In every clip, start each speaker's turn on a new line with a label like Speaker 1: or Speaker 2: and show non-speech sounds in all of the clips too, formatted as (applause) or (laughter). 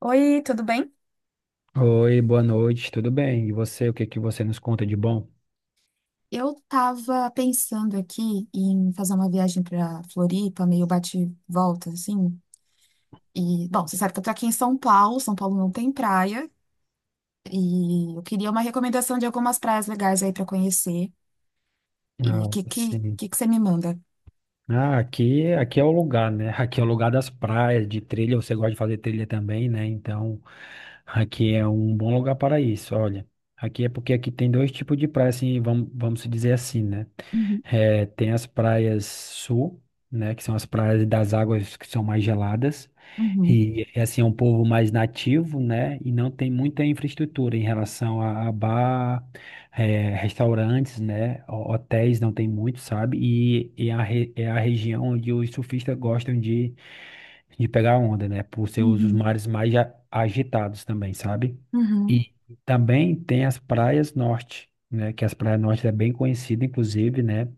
Speaker 1: Oi, tudo bem?
Speaker 2: Oi, boa noite, tudo bem? E você, o que que você nos conta de bom?
Speaker 1: Eu tava pensando aqui em fazer uma viagem pra Floripa, meio bate e volta, assim. E, bom, você sabe que eu tô aqui em São Paulo, São Paulo não tem praia, e eu queria uma recomendação de algumas praias legais aí pra conhecer. E o
Speaker 2: Ah,
Speaker 1: que, que,
Speaker 2: sim.
Speaker 1: que, que você me manda?
Speaker 2: Ah, aqui é o lugar, né? (laughs) Aqui é o lugar das praias, de trilha. Você gosta de fazer trilha também, né? Então, aqui é um bom lugar para isso. Olha, aqui é porque aqui tem dois tipos de praia, assim, vamos se dizer assim, né?
Speaker 1: Uhum,
Speaker 2: Tem as praias sul, né? Que são as praias das águas que são mais geladas.
Speaker 1: uhum,
Speaker 2: E, assim, é um povo mais nativo, né? E não tem muita infraestrutura em relação a bar. É, restaurantes, né? Hotéis não tem muito, sabe? E a é a região onde os surfistas gostam de pegar onda, né? Por ser os
Speaker 1: uhum,
Speaker 2: mares mais agitados também, sabe?
Speaker 1: uhum,
Speaker 2: E também tem as praias norte, né? Que as praias norte é bem conhecida, inclusive, né?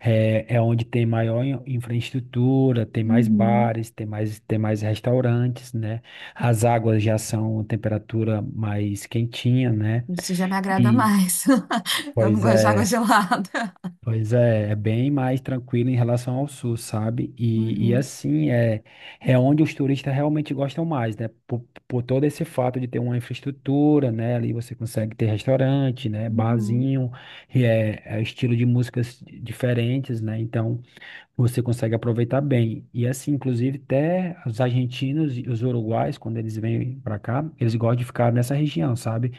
Speaker 2: É, é onde tem maior infraestrutura, tem mais
Speaker 1: uhum.
Speaker 2: bares, tem mais restaurantes, né? As águas já são temperatura mais quentinha, né?
Speaker 1: Isso já me agrada
Speaker 2: E,
Speaker 1: mais. (laughs) Eu não
Speaker 2: pois
Speaker 1: gosto de água
Speaker 2: é.
Speaker 1: gelada.
Speaker 2: Pois é, é bem mais tranquilo em relação ao sul, sabe? E
Speaker 1: Uhum,
Speaker 2: assim, é, é onde os turistas realmente gostam mais, né? Por todo esse fato de ter uma infraestrutura, né? Ali você consegue ter restaurante, né?
Speaker 1: uhum,
Speaker 2: Barzinho, e é, é estilo de músicas diferentes, né? Então, você consegue aproveitar bem. E assim, inclusive, até os argentinos e os uruguais, quando eles vêm para cá, eles gostam de ficar nessa região, sabe?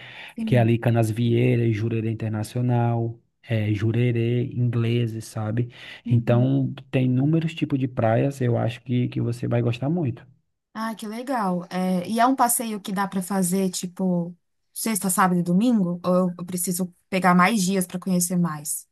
Speaker 2: Que é
Speaker 1: sim.
Speaker 2: ali Canasvieiras, Jurerê Internacional, Jurerê, ingleses, sabe?
Speaker 1: Uhum.
Speaker 2: Então, tem inúmeros tipos de praias, eu acho que você vai gostar muito.
Speaker 1: Ah, que legal. É, e é um passeio que dá para fazer, tipo, sexta, sábado e domingo? Ou eu preciso pegar mais dias para conhecer mais?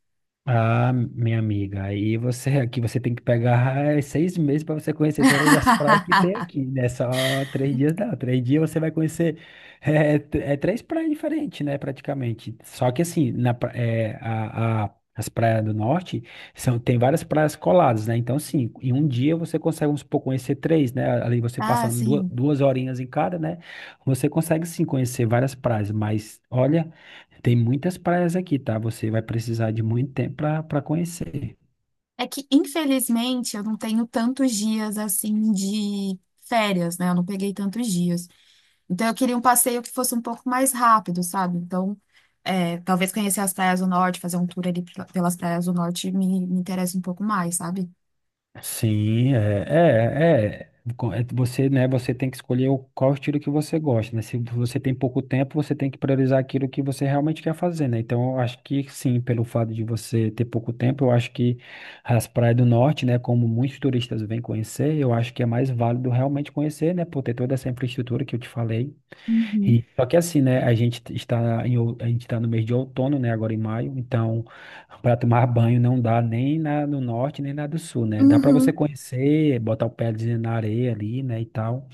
Speaker 2: Ah, minha amiga, aí você aqui você tem que pegar seis meses para você conhecer todas as praias que tem
Speaker 1: (laughs)
Speaker 2: aqui, né? Só três dias não. Três dias você vai conhecer três praias diferentes, né? Praticamente. Só que assim, na, pra- é, a- as praias do norte são, tem várias praias coladas, né? Então, sim, em um dia você consegue, vamos supor, conhecer três, né? Ali você
Speaker 1: Ah,
Speaker 2: passando duas,
Speaker 1: sim.
Speaker 2: duas horinhas em cada, né? Você consegue sim conhecer várias praias, mas olha. Tem muitas praias aqui, tá? Você vai precisar de muito tempo para conhecer.
Speaker 1: É que, infelizmente, eu não tenho tantos dias assim de férias, né? Eu não peguei tantos dias. Então, eu queria um passeio que fosse um pouco mais rápido, sabe? Então, talvez conhecer as praias do norte, fazer um tour ali pelas praias do norte me interessa um pouco mais, sabe?
Speaker 2: Sim, é, é, é. Você, né, você tem que escolher qual estilo que você gosta, né? Se você tem pouco tempo, você tem que priorizar aquilo que você realmente quer fazer, né? Então, eu acho que sim, pelo fato de você ter pouco tempo, eu acho que as praias do norte, né, como muitos turistas vêm conhecer, eu acho que é mais válido realmente conhecer, né, por ter toda essa infraestrutura que eu te falei.
Speaker 1: Uhum,
Speaker 2: E, só que assim, né? A gente está em, a gente está no mês de outono, né? Agora em maio, então para tomar banho não dá nem na, no norte nem na do sul, né? Dá para você
Speaker 1: uhum,
Speaker 2: conhecer, botar o pezinho na areia ali, né? E tal.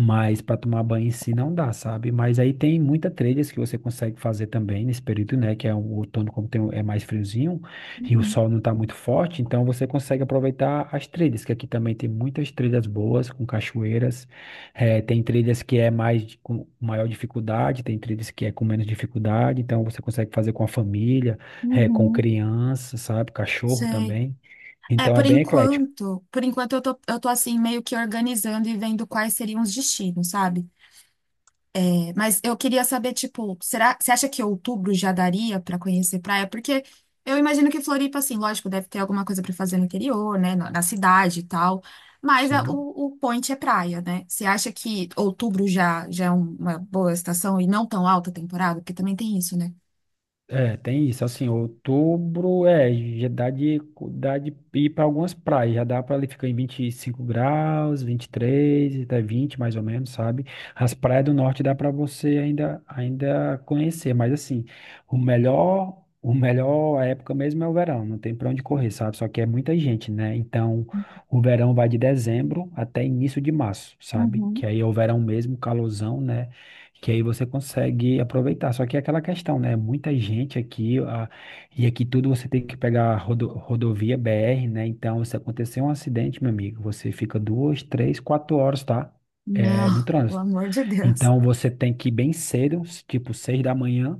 Speaker 2: Mas para tomar banho em si não dá, sabe? Mas aí tem muita trilhas que você consegue fazer também nesse período, né? Que é o outono, como tem, é mais friozinho e o
Speaker 1: uhum,
Speaker 2: sol não tá muito forte, então você consegue aproveitar as trilhas, que aqui também tem muitas trilhas boas, com cachoeiras. Tem trilhas que é mais com maior dificuldade, tem trilhas que é com menos dificuldade, então você consegue fazer com a família, com
Speaker 1: uhum.
Speaker 2: criança, sabe? Cachorro
Speaker 1: Sei.
Speaker 2: também.
Speaker 1: É,
Speaker 2: Então é bem eclético.
Speaker 1: por enquanto eu tô assim, meio que organizando e vendo quais seriam os destinos, sabe? É, mas eu queria saber, tipo, será, você acha que outubro já daria pra conhecer praia? Porque eu imagino que Floripa, assim, lógico, deve ter alguma coisa pra fazer no interior, né? Na cidade e tal. Mas
Speaker 2: Sim.
Speaker 1: o point é praia, né? Você acha que outubro já é uma boa estação e não tão alta temporada? Porque também tem isso, né?
Speaker 2: É, tem isso, assim, outubro, é, já dá de, dá de ir para algumas praias, já dá para ele ficar em 25 graus, 23 até 20 mais ou menos, sabe? As praias do norte dá para você ainda conhecer, mas assim, o melhor época mesmo é o verão, não tem para onde correr, sabe? Só que é muita gente, né? Então, o verão vai de dezembro até início de março, sabe? Que
Speaker 1: Uhum.
Speaker 2: aí é o verão mesmo, calorzão, né? Que aí você consegue aproveitar. Só que é aquela questão, né? Muita gente aqui, e aqui tudo você tem que pegar rodovia BR, né? Então, se acontecer um acidente, meu amigo, você fica duas, três, quatro horas, tá? É, no
Speaker 1: Não, pelo
Speaker 2: trânsito.
Speaker 1: amor de Deus.
Speaker 2: Então, você tem que ir bem cedo, tipo seis da manhã,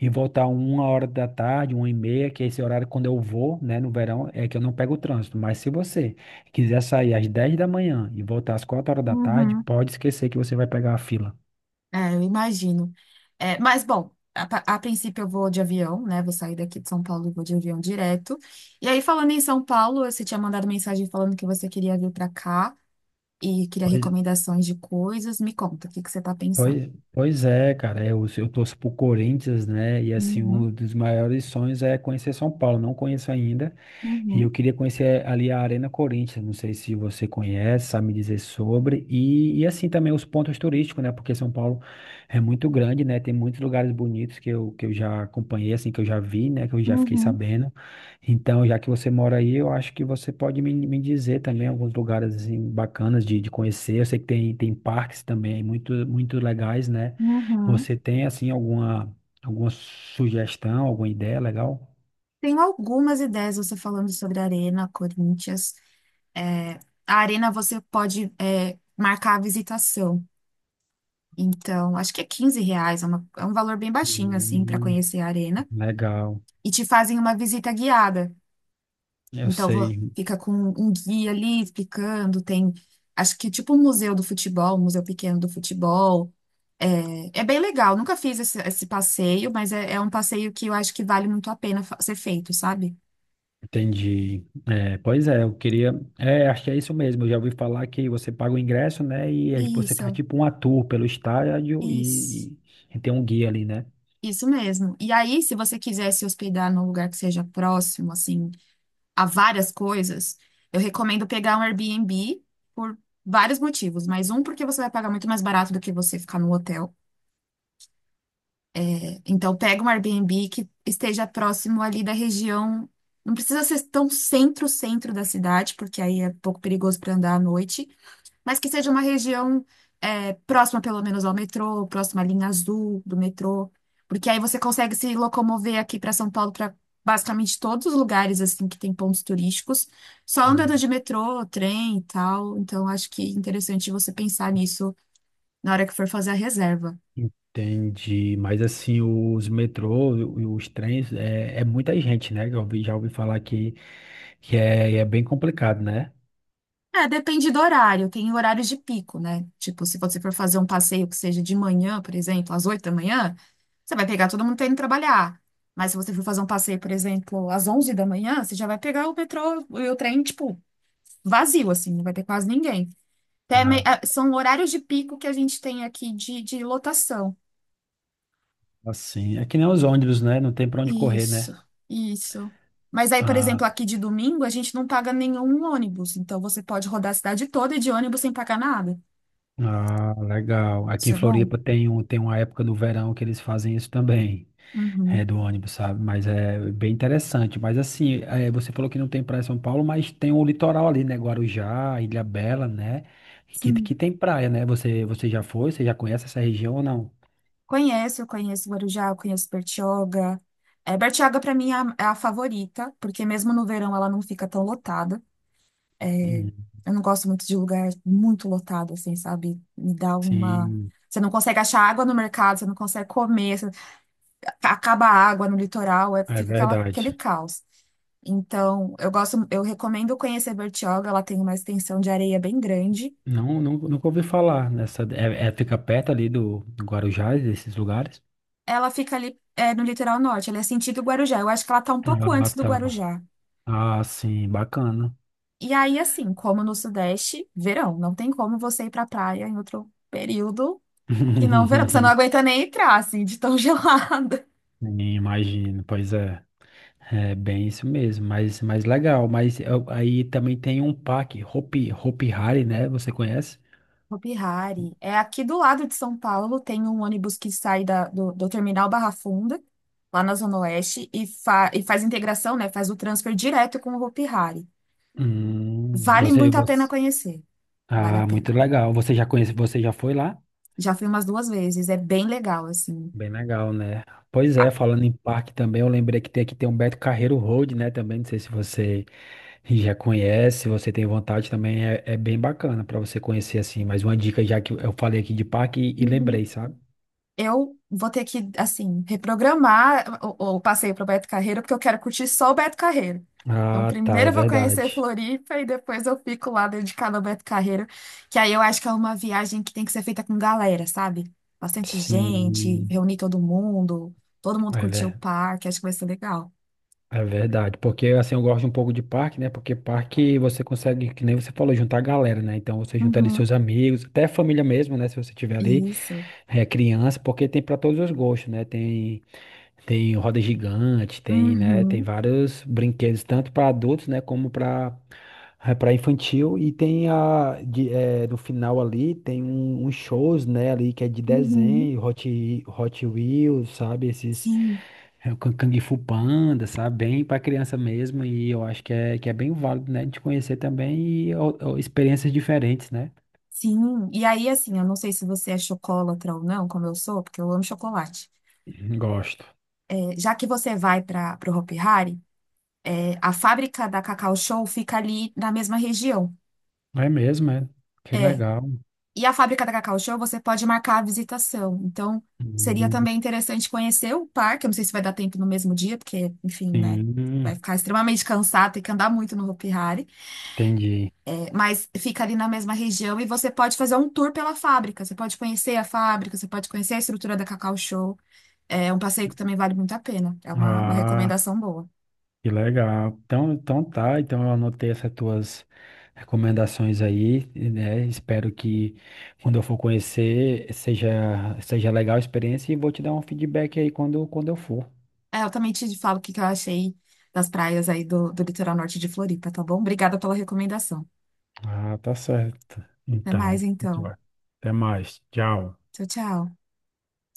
Speaker 2: e voltar uma hora da tarde, uma e meia, que é esse horário quando eu vou, né, no verão, é que eu não pego o trânsito. Mas se você quiser sair às 10 da manhã e voltar às 4 horas da tarde,
Speaker 1: Uhum.
Speaker 2: pode esquecer que você vai pegar a fila.
Speaker 1: É, eu imagino. É, mas, bom, a princípio eu vou de avião, né? Vou sair daqui de São Paulo e vou de avião direto. E aí, falando em São Paulo, você tinha mandado mensagem falando que você queria vir para cá e queria recomendações de coisas. Me conta, o que que você está pensando?
Speaker 2: Pois é, cara, é, eu torço pro Corinthians, né? E assim,
Speaker 1: Uhum,
Speaker 2: um dos maiores sonhos é conhecer São Paulo. Não conheço ainda, e eu
Speaker 1: uhum,
Speaker 2: queria conhecer ali a Arena Corinthians, não sei se você conhece, sabe me dizer sobre, e assim também os pontos turísticos, né? Porque São Paulo é muito grande, né? Tem muitos lugares bonitos que eu já acompanhei, assim, que eu já vi, né? Que eu já fiquei
Speaker 1: uhum,
Speaker 2: sabendo. Então, já que você mora aí, eu acho que você pode me dizer também alguns lugares, assim, bacanas de conhecer. Eu sei que tem, tem parques também muito legais, né?
Speaker 1: uhum.
Speaker 2: Você tem, assim, alguma sugestão, alguma ideia legal?
Speaker 1: Tenho algumas ideias você falando sobre a Arena, Corinthians. É, a Arena você pode, é, marcar a visitação. Então, acho que é R$ 15, é, é um valor bem baixinho, assim, para
Speaker 2: Hum,
Speaker 1: conhecer a arena.
Speaker 2: legal.
Speaker 1: E te fazem uma visita guiada.
Speaker 2: Eu
Speaker 1: Então,
Speaker 2: sei,
Speaker 1: fica com um guia ali explicando. Tem, acho que é tipo um museu do futebol, um museu pequeno do futebol. É, é bem legal. Nunca fiz esse passeio, mas é um passeio que eu acho que vale muito a pena ser feito, sabe?
Speaker 2: entendi. É, pois é, eu queria. É, acho que é isso mesmo. Eu já ouvi falar que você paga o ingresso, né? E aí você
Speaker 1: Isso,
Speaker 2: faz tipo um tour pelo estádio
Speaker 1: isso,
Speaker 2: e tem um guia ali, né?
Speaker 1: isso mesmo. E aí, se você quiser se hospedar num lugar que seja próximo, assim, a várias coisas, eu recomendo pegar um Airbnb por vários motivos, mas um porque você vai pagar muito mais barato do que você ficar no hotel. Então pega um Airbnb que esteja próximo ali da região. Não precisa ser tão centro-centro da cidade, porque aí é um pouco perigoso para andar à noite, mas que seja uma região próxima, pelo menos, ao metrô, próxima à linha azul do metrô, porque aí você consegue se locomover aqui para São Paulo, para basicamente todos os lugares assim que tem pontos turísticos, só
Speaker 2: Hum,
Speaker 1: andando de metrô, trem e tal. Então, acho que é interessante você pensar nisso na hora que for fazer a reserva.
Speaker 2: entendi. Mas assim, os metrôs e os trens, é, é muita gente, né? Já ouvi falar que é, é bem complicado, né?
Speaker 1: É, depende do horário. Tem horários de pico, né? Tipo, se você for fazer um passeio que seja de manhã, por exemplo, às 8 da manhã, você vai pegar todo mundo tendo que trabalhar. Mas se você for fazer um passeio, por exemplo, às 11 da manhã, você já vai pegar o metrô e o trem, tipo, vazio, assim, não vai ter quase ninguém.
Speaker 2: Ah,
Speaker 1: São horários de pico que a gente tem aqui de lotação.
Speaker 2: assim, é que nem os ônibus, né? Não tem pra onde correr,
Speaker 1: Isso,
Speaker 2: né?
Speaker 1: isso. Mas aí, por
Speaker 2: Ah,
Speaker 1: exemplo, aqui de domingo, a gente não paga nenhum ônibus. Então, você pode rodar a cidade toda de ônibus sem pagar nada.
Speaker 2: ah, legal. Aqui
Speaker 1: Isso
Speaker 2: em
Speaker 1: é bom.
Speaker 2: Floripa tem, um, tem uma época do verão que eles fazem isso também,
Speaker 1: Uhum.
Speaker 2: é do ônibus, sabe? Mas é bem interessante. Mas assim, é, você falou que não tem praia em São Paulo, mas tem o litoral ali, né? Guarujá, Ilha Bela, né? Que
Speaker 1: Sim,
Speaker 2: tem praia, né? Você já foi? Você já conhece essa região ou não?
Speaker 1: conheço, eu conheço Guarujá, eu conheço Bertioga. É, Bertioga para mim é é a favorita, porque mesmo no verão ela não fica tão lotada.
Speaker 2: Hum,
Speaker 1: Eu não gosto muito de lugar muito lotado, assim, sabe? Me dá uma.
Speaker 2: sim,
Speaker 1: Você não consegue achar água no mercado, você não consegue comer, acaba a água no litoral,
Speaker 2: é
Speaker 1: fica aquele
Speaker 2: verdade.
Speaker 1: caos. Então, eu gosto, eu recomendo conhecer Bertioga, ela tem uma extensão de areia bem grande.
Speaker 2: Não, não, nunca ouvi falar nessa. Fica perto ali do, do Guarujá, desses lugares.
Speaker 1: Ela fica ali, é, no litoral norte, ela é sentido Guarujá. Eu acho que ela tá um pouco
Speaker 2: Ah,
Speaker 1: antes do
Speaker 2: tá.
Speaker 1: Guarujá.
Speaker 2: Ah, sim, bacana.
Speaker 1: E aí, assim, como no Sudeste, verão. Não tem como você ir pra praia em outro período que não verão. Porque você não
Speaker 2: (laughs)
Speaker 1: aguenta nem entrar, assim, de tão (laughs) gelada.
Speaker 2: Sim, imagino, pois é. É bem isso mesmo, mas legal. Aí também tem um parque Hopi Hari, né? Você conhece?
Speaker 1: Hopi Hari. É aqui do lado de São Paulo, tem um ônibus que sai do terminal Barra Funda, lá na Zona Oeste, e, e faz integração, né? Faz o transfer direto com o Hopi Hari. Vale muito a pena
Speaker 2: Você.
Speaker 1: conhecer. Vale a
Speaker 2: Ah,
Speaker 1: pena.
Speaker 2: muito legal. Você já conhece, você já foi lá?
Speaker 1: Já fui umas duas vezes, é bem legal, assim.
Speaker 2: Bem legal, né? Pois
Speaker 1: Ah,
Speaker 2: é, falando em parque também, eu lembrei que tem aqui tem um Beto Carreiro Road, né? Também, não sei se você já conhece, se você tem vontade também, é, é bem bacana para você conhecer assim. Mas uma dica já que eu falei aqui de parque e
Speaker 1: uhum.
Speaker 2: lembrei, sabe?
Speaker 1: Eu vou ter que, assim, reprogramar o passeio para o Beto Carreiro, porque eu quero curtir só o Beto Carreiro. Então,
Speaker 2: Ah, tá,
Speaker 1: primeiro
Speaker 2: é
Speaker 1: eu vou conhecer
Speaker 2: verdade.
Speaker 1: Floripa e depois eu fico lá dedicada ao Beto Carreiro, que aí eu acho que é uma viagem que tem que ser feita com galera, sabe? Bastante gente,
Speaker 2: Sim,
Speaker 1: reunir todo mundo
Speaker 2: é,
Speaker 1: curtir o
Speaker 2: ver-
Speaker 1: parque, acho que vai ser legal.
Speaker 2: é verdade. Porque assim, eu gosto um pouco de parque, né? Porque parque você consegue, que nem você falou, juntar a galera, né? Então você junta ali
Speaker 1: Uhum,
Speaker 2: seus amigos, até a família mesmo, né? Se você tiver ali,
Speaker 1: isso.
Speaker 2: é, criança, porque tem para todos os gostos, né? Tem, tem roda gigante, tem, né? Tem
Speaker 1: Uhum,
Speaker 2: vários brinquedos, tanto para adultos, né? Como para é para infantil e tem a de, eh, no final ali tem um, uns shows né ali que é de
Speaker 1: uhum.
Speaker 2: desenho Hot Wheels sabe esses
Speaker 1: Sim,
Speaker 2: é, o Kung Fu Panda sabe bem para criança mesmo e eu acho que é bem válido né de conhecer também e ó, experiências diferentes né
Speaker 1: sim. E aí, assim, eu não sei se você é chocolatra ou não, como eu sou, porque eu amo chocolate.
Speaker 2: gosto
Speaker 1: Já que você vai para o Hopi Hari, é, a fábrica da Cacau Show fica ali na mesma região.
Speaker 2: é mesmo é que
Speaker 1: É.
Speaker 2: legal
Speaker 1: E a fábrica da Cacau Show você pode marcar a visitação. Então, seria
Speaker 2: Hum,
Speaker 1: também interessante conhecer o parque. Eu não sei se vai dar tempo no mesmo dia, porque, enfim, né?
Speaker 2: sim
Speaker 1: Vai ficar extremamente cansado, tem que andar muito no Hopi Hari.
Speaker 2: entendi
Speaker 1: É, mas fica ali na mesma região e você pode fazer um tour pela fábrica. Você pode conhecer a fábrica, você pode conhecer a estrutura da Cacau Show. É um passeio que também vale muito a pena. É uma
Speaker 2: ah
Speaker 1: recomendação boa.
Speaker 2: Que legal. Então, então tá, então eu anotei essas tuas recomendações aí, né? Espero que quando eu for conhecer seja, seja legal a experiência e vou te dar um feedback aí quando eu for.
Speaker 1: É, eu também te falo o que que eu achei das praias aí do litoral norte de Floripa, tá bom? Obrigada pela recomendação.
Speaker 2: Ah, tá certo.
Speaker 1: Até mais,
Speaker 2: Então, muito
Speaker 1: então.
Speaker 2: até mais. Tchau.
Speaker 1: Tchau, tchau.